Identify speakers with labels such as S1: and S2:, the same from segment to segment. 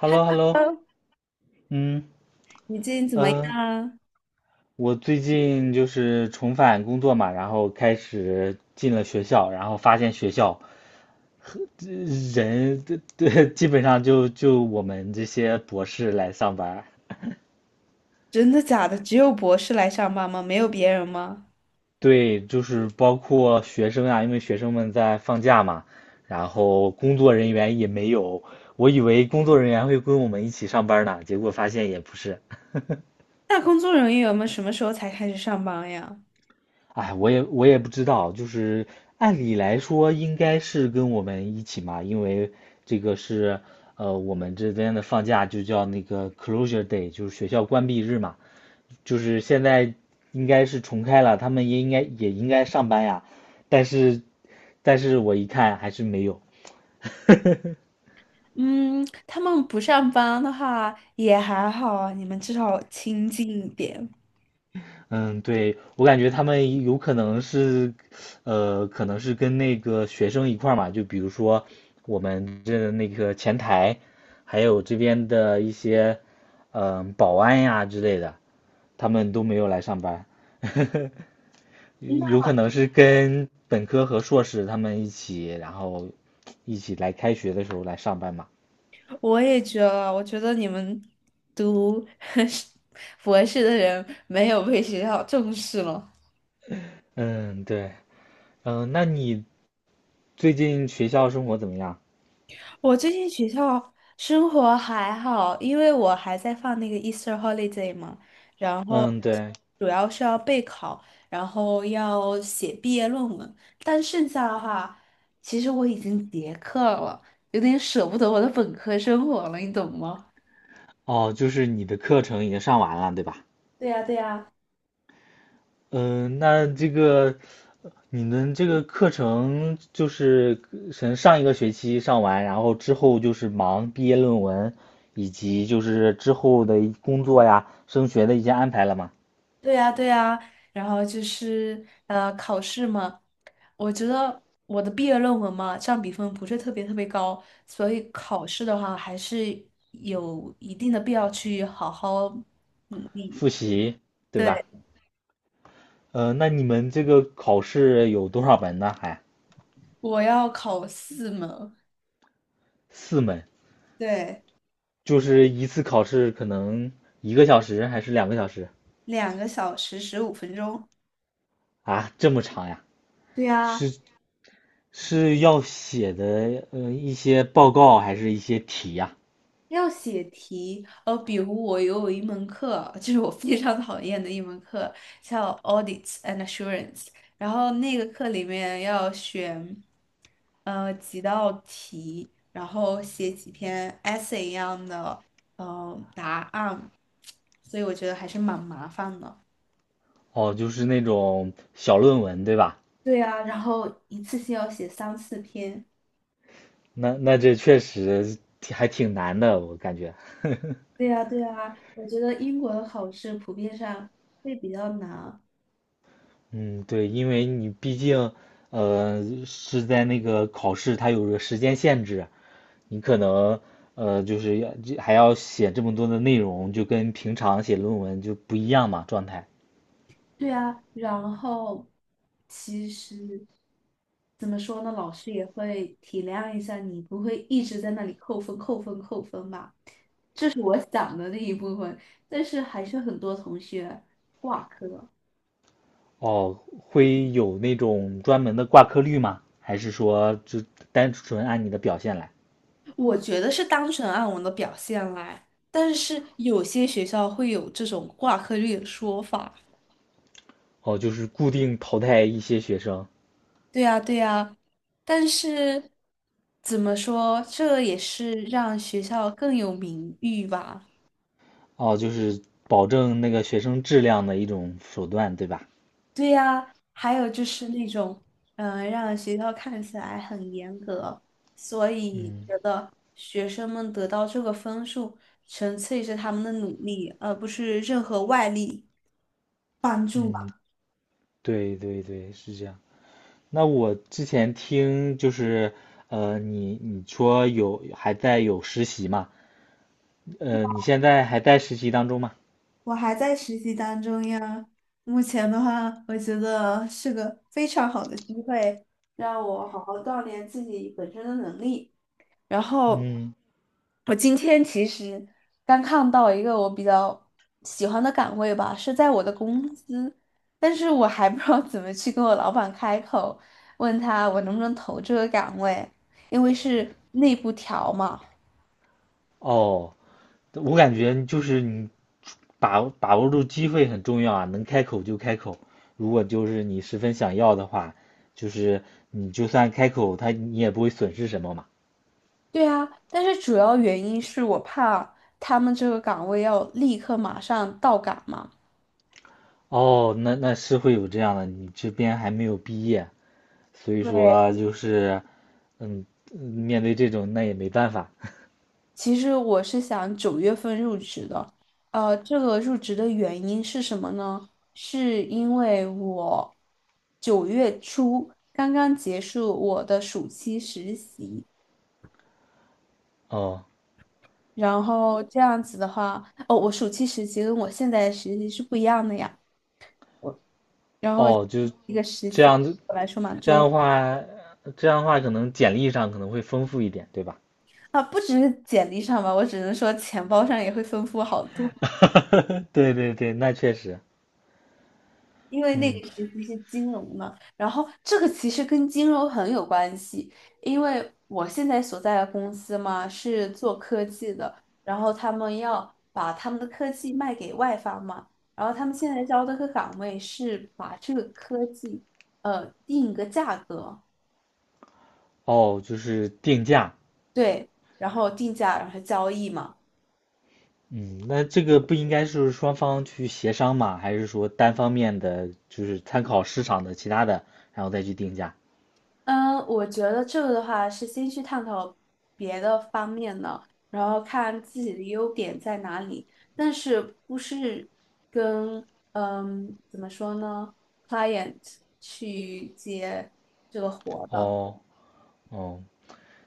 S1: h e l l o h e l l o
S2: Hello，
S1: 嗯，
S2: 你最近怎么样
S1: 呃，
S2: 啊？
S1: 我最近就是重返工作嘛，然后开始进了学校，然后发现学校和这人对这基本上就我们这些博士来上班儿。
S2: 真的假的？只有博士来上班吗？没有别人吗？
S1: 对，就是包括学生啊，因为学生们在放假嘛，然后工作人员也没有，我以为工作人员会跟我们一起上班呢，结果发现也不是。
S2: 那工作人员们什么时候才开始上班呀？
S1: 哎，我也不知道，就是按理来说应该是跟我们一起嘛，因为这个是我们这边的放假就叫那个 closure day，就是学校关闭日嘛，就是现在应该是重开了，他们也应该也应该上班呀，但是但是我一看还是没有。
S2: 嗯，他们不上班的话也还好啊，你们至少清静一点。
S1: 嗯，对，我感觉他们有可能是，可能是跟那个学生一块儿嘛，就比如说我们这那个前台，还有这边的一些，保安呀之类的，他们都没有来上班。有可能是跟本科和硕士他们一起，然后一起来开学的时候来上班嘛。
S2: 我也觉得，我觉得你们读 博士的人没有被学校重视了。
S1: 嗯，对，那你最近学校生活怎么样？
S2: 我最近学校生活还好，因为我还在放那个 Easter holiday 嘛，然后
S1: 嗯，对。
S2: 主要是要备考，然后要写毕业论文，但剩下的话，其实我已经结课了，有点舍不得我的本科生活了，你懂吗？
S1: 哦，就是你的课程已经上完了，对吧？
S2: 对呀，对呀。
S1: 嗯，那这个你们这个课程就是从上一个学期上完，然后之后就是忙毕业论文，以及就是之后的工作呀、升学的一些安排了嘛？
S2: 对呀，对呀，然后就是考试嘛，我觉得我的毕业论文嘛，占比分不是特别特别高，所以考试的话还是有一定的必要去好好努力。
S1: 复习，对
S2: 对，
S1: 吧？那你们这个考试有多少门呢？
S2: 我要考四门，
S1: 四门，
S2: 对，
S1: 就是一次考试可能一个小时还是两个小时。
S2: 2个小时15分钟。
S1: 啊？这么长呀？
S2: 对呀。
S1: 是是要写的，一些报告还是一些题呀？
S2: 要写题，比如我有一门课，就是我非常讨厌的一门课，叫 Audits and Assurance，然后那个课里面要选，几道题，然后写几篇 essay 一样的，答案，所以我觉得还是蛮麻烦的。
S1: 哦，就是那种小论文，对吧？
S2: 对呀，然后一次性要写三四篇。
S1: 那这确实还挺难的，我感觉。
S2: 对呀，对呀，我觉得英国的考试普遍上会比较难。
S1: 嗯，对，因为你毕竟，是在那个考试，它有个时间限制，你可能，就是还要写这么多的内容，就跟平常写论文就不一样嘛，状态。
S2: 对啊，然后其实怎么说呢，老师也会体谅一下你，不会一直在那里扣分、扣分、扣分吧？这是我想的那一部分，但是还是很多同学挂科。
S1: 哦，会有那种专门的挂科率吗？还是说就单纯按你的表现来？
S2: 我觉得是单纯按我的表现来，但是有些学校会有这种挂科率的说法。
S1: 哦，就是固定淘汰一些学生，
S2: 对呀，对呀，但是怎么说，这也是让学校更有名誉吧。
S1: 哦，就是保证那个学生质量的一种手段，对吧？
S2: 对呀，还有就是那种，让学校看起来很严格，所以
S1: 嗯
S2: 觉得学生们得到这个分数，纯粹是他们的努力，而不是任何外力帮助
S1: 嗯，
S2: 吧。
S1: 对对对，是这样。那我之前听就是，你说有还在有实习嘛？你现在还在实习当中吗？
S2: 我还在实习当中呀，目前的话，我觉得是个非常好的机会，让我好好锻炼自己本身的能力。然后
S1: 嗯，
S2: 我今天其实刚看到一个我比较喜欢的岗位吧，是在我的公司，但是我还不知道怎么去跟我老板开口，问他我能不能投这个岗位，因为是内部调嘛。
S1: 哦，我感觉就是你把握住机会很重要啊，能开口就开口。如果就是你十分想要的话，就是你就算开口，他你也不会损失什么嘛。
S2: 对啊，但是主要原因是我怕他们这个岗位要立刻马上到岗嘛。
S1: 哦，那是会有这样的，你这边还没有毕业，所以
S2: 对，
S1: 说就是嗯，面对这种那也没办法。
S2: 其实我是想9月份入职的，这个入职的原因是什么呢？是因为我9月初刚刚结束我的暑期实习，
S1: 哦
S2: 然后这样子的话，哦，我暑期实习跟我现在的实习是不一样的呀，我然后
S1: 哦，就
S2: 一个实
S1: 这
S2: 习对
S1: 样子，
S2: 我来说嘛，
S1: 这
S2: 重
S1: 样
S2: 要
S1: 的话，这样的话可能简历上可能会丰富一点，对吧？
S2: 啊，不只是简历上吧，我只能说钱包上也会丰富好多。
S1: 对对对，那确实，
S2: 因为那个
S1: 嗯。
S2: 时期是金融嘛，然后这个其实跟金融很有关系，因为我现在所在的公司嘛是做科技的，然后他们要把他们的科技卖给外方嘛，然后他们现在招的个岗位是把这个科技定一个价格，
S1: 哦，就是定价。
S2: 对，然后定价然后交易嘛。
S1: 嗯，那这个不应该是双方去协商嘛？还是说单方面的，就是参考市场的其他的，然后再去定价？
S2: 嗯，我觉得这个的话是先去探讨别的方面的，然后看自己的优点在哪里，但是不是跟怎么说呢，client 去接这个活的。
S1: 哦，哦，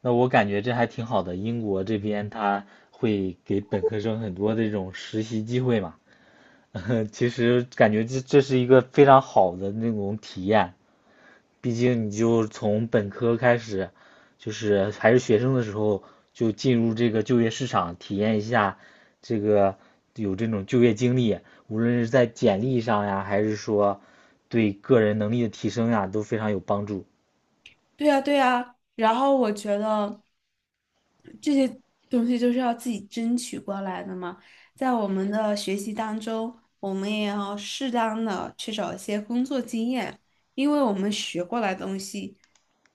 S1: 那我感觉这还挺好的。英国这边他会给本科生很多的这种实习机会嘛。其实感觉这是一个非常好的那种体验。毕竟你就从本科开始，就是还是学生的时候就进入这个就业市场，体验一下这个有这种就业经历，无论是在简历上呀，还是说对个人能力的提升呀，都非常有帮助。
S2: 对呀，对呀，然后我觉得这些东西就是要自己争取过来的嘛。在我们的学习当中，我们也要适当的去找一些工作经验，因为我们学过来的东西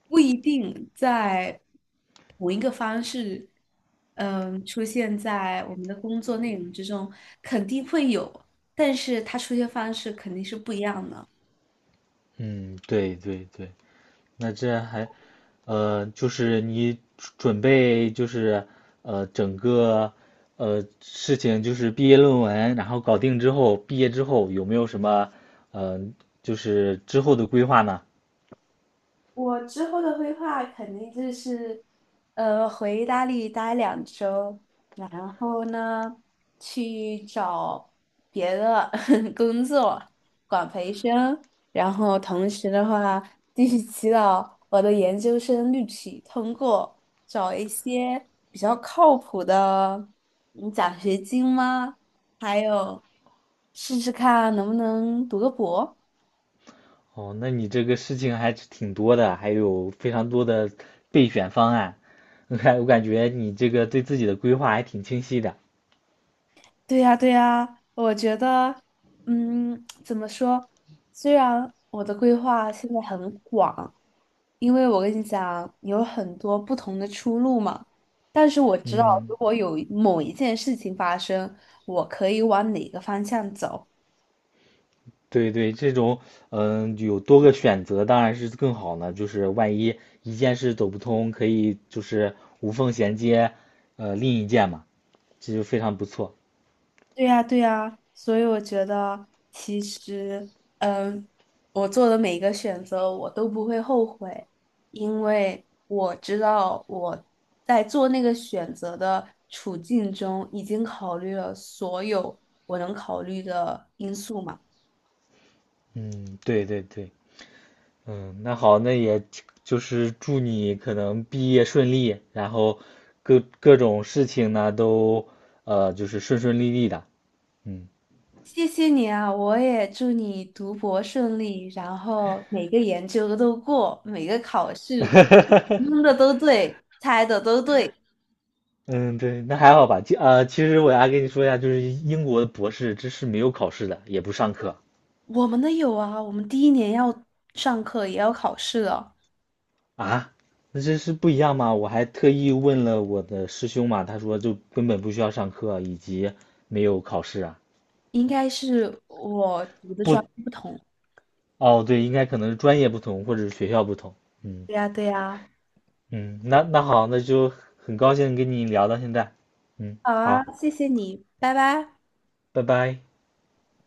S2: 不一定在同一个方式，嗯，出现在我们的工作内容之中，肯定会有，但是它出现方式肯定是不一样的。
S1: 嗯，对对对，那这还，就是你准备就是整个事情就是毕业论文，然后搞定之后，毕业之后有没有什么呃就是之后的规划呢？
S2: 我之后的规划肯定就是，回意大利待2周，然后呢，去找别的 工作，管培生，然后同时的话，继续祈祷我的研究生录取通过，找一些比较靠谱的奖学金吗？还有试试看能不能读个博。
S1: 哦，那你这个事情还是挺多的，还有非常多的备选方案。我感觉你这个对自己的规划还挺清晰的，
S2: 对呀，对呀，我觉得，怎么说？虽然我的规划现在很广，因为我跟你讲，有很多不同的出路嘛。但是我知道，如
S1: 嗯。
S2: 果有某一件事情发生，我可以往哪个方向走。
S1: 对对，这种有多个选择当然是更好呢。就是万一一件事走不通，可以就是无缝衔接，另一件嘛，这就非常不错。
S2: 对呀，对呀，所以我觉得其实，嗯，我做的每一个选择我都不会后悔，因为我知道我在做那个选择的处境中已经考虑了所有我能考虑的因素嘛。
S1: 嗯，对对对，嗯，那好，那也就是祝你可能毕业顺利，然后各种事情呢都就是顺顺利利的。嗯。
S2: 谢谢你啊，我也祝你读博顺利，然后每个研究都过，每个考试 蒙的都对，猜的都对。
S1: 嗯，对，那还好吧。其实我要跟你说一下，就是英国的博士，这是没有考试的，也不上课。
S2: 我们的有啊，我们第一年要上课，也要考试了，
S1: 啊，那这是不一样吗？我还特意问了我的师兄嘛，他说就根本不需要上课，以及没有考试啊。
S2: 应该是我读的专
S1: 不，
S2: 业不同。
S1: 哦，对，应该可能是专业不同，或者是学校不同。嗯
S2: 对呀，对呀，
S1: 嗯，那好，那就很高兴跟你聊到现在。嗯，
S2: 好啊，
S1: 好，
S2: 谢谢你，拜拜。
S1: 拜拜。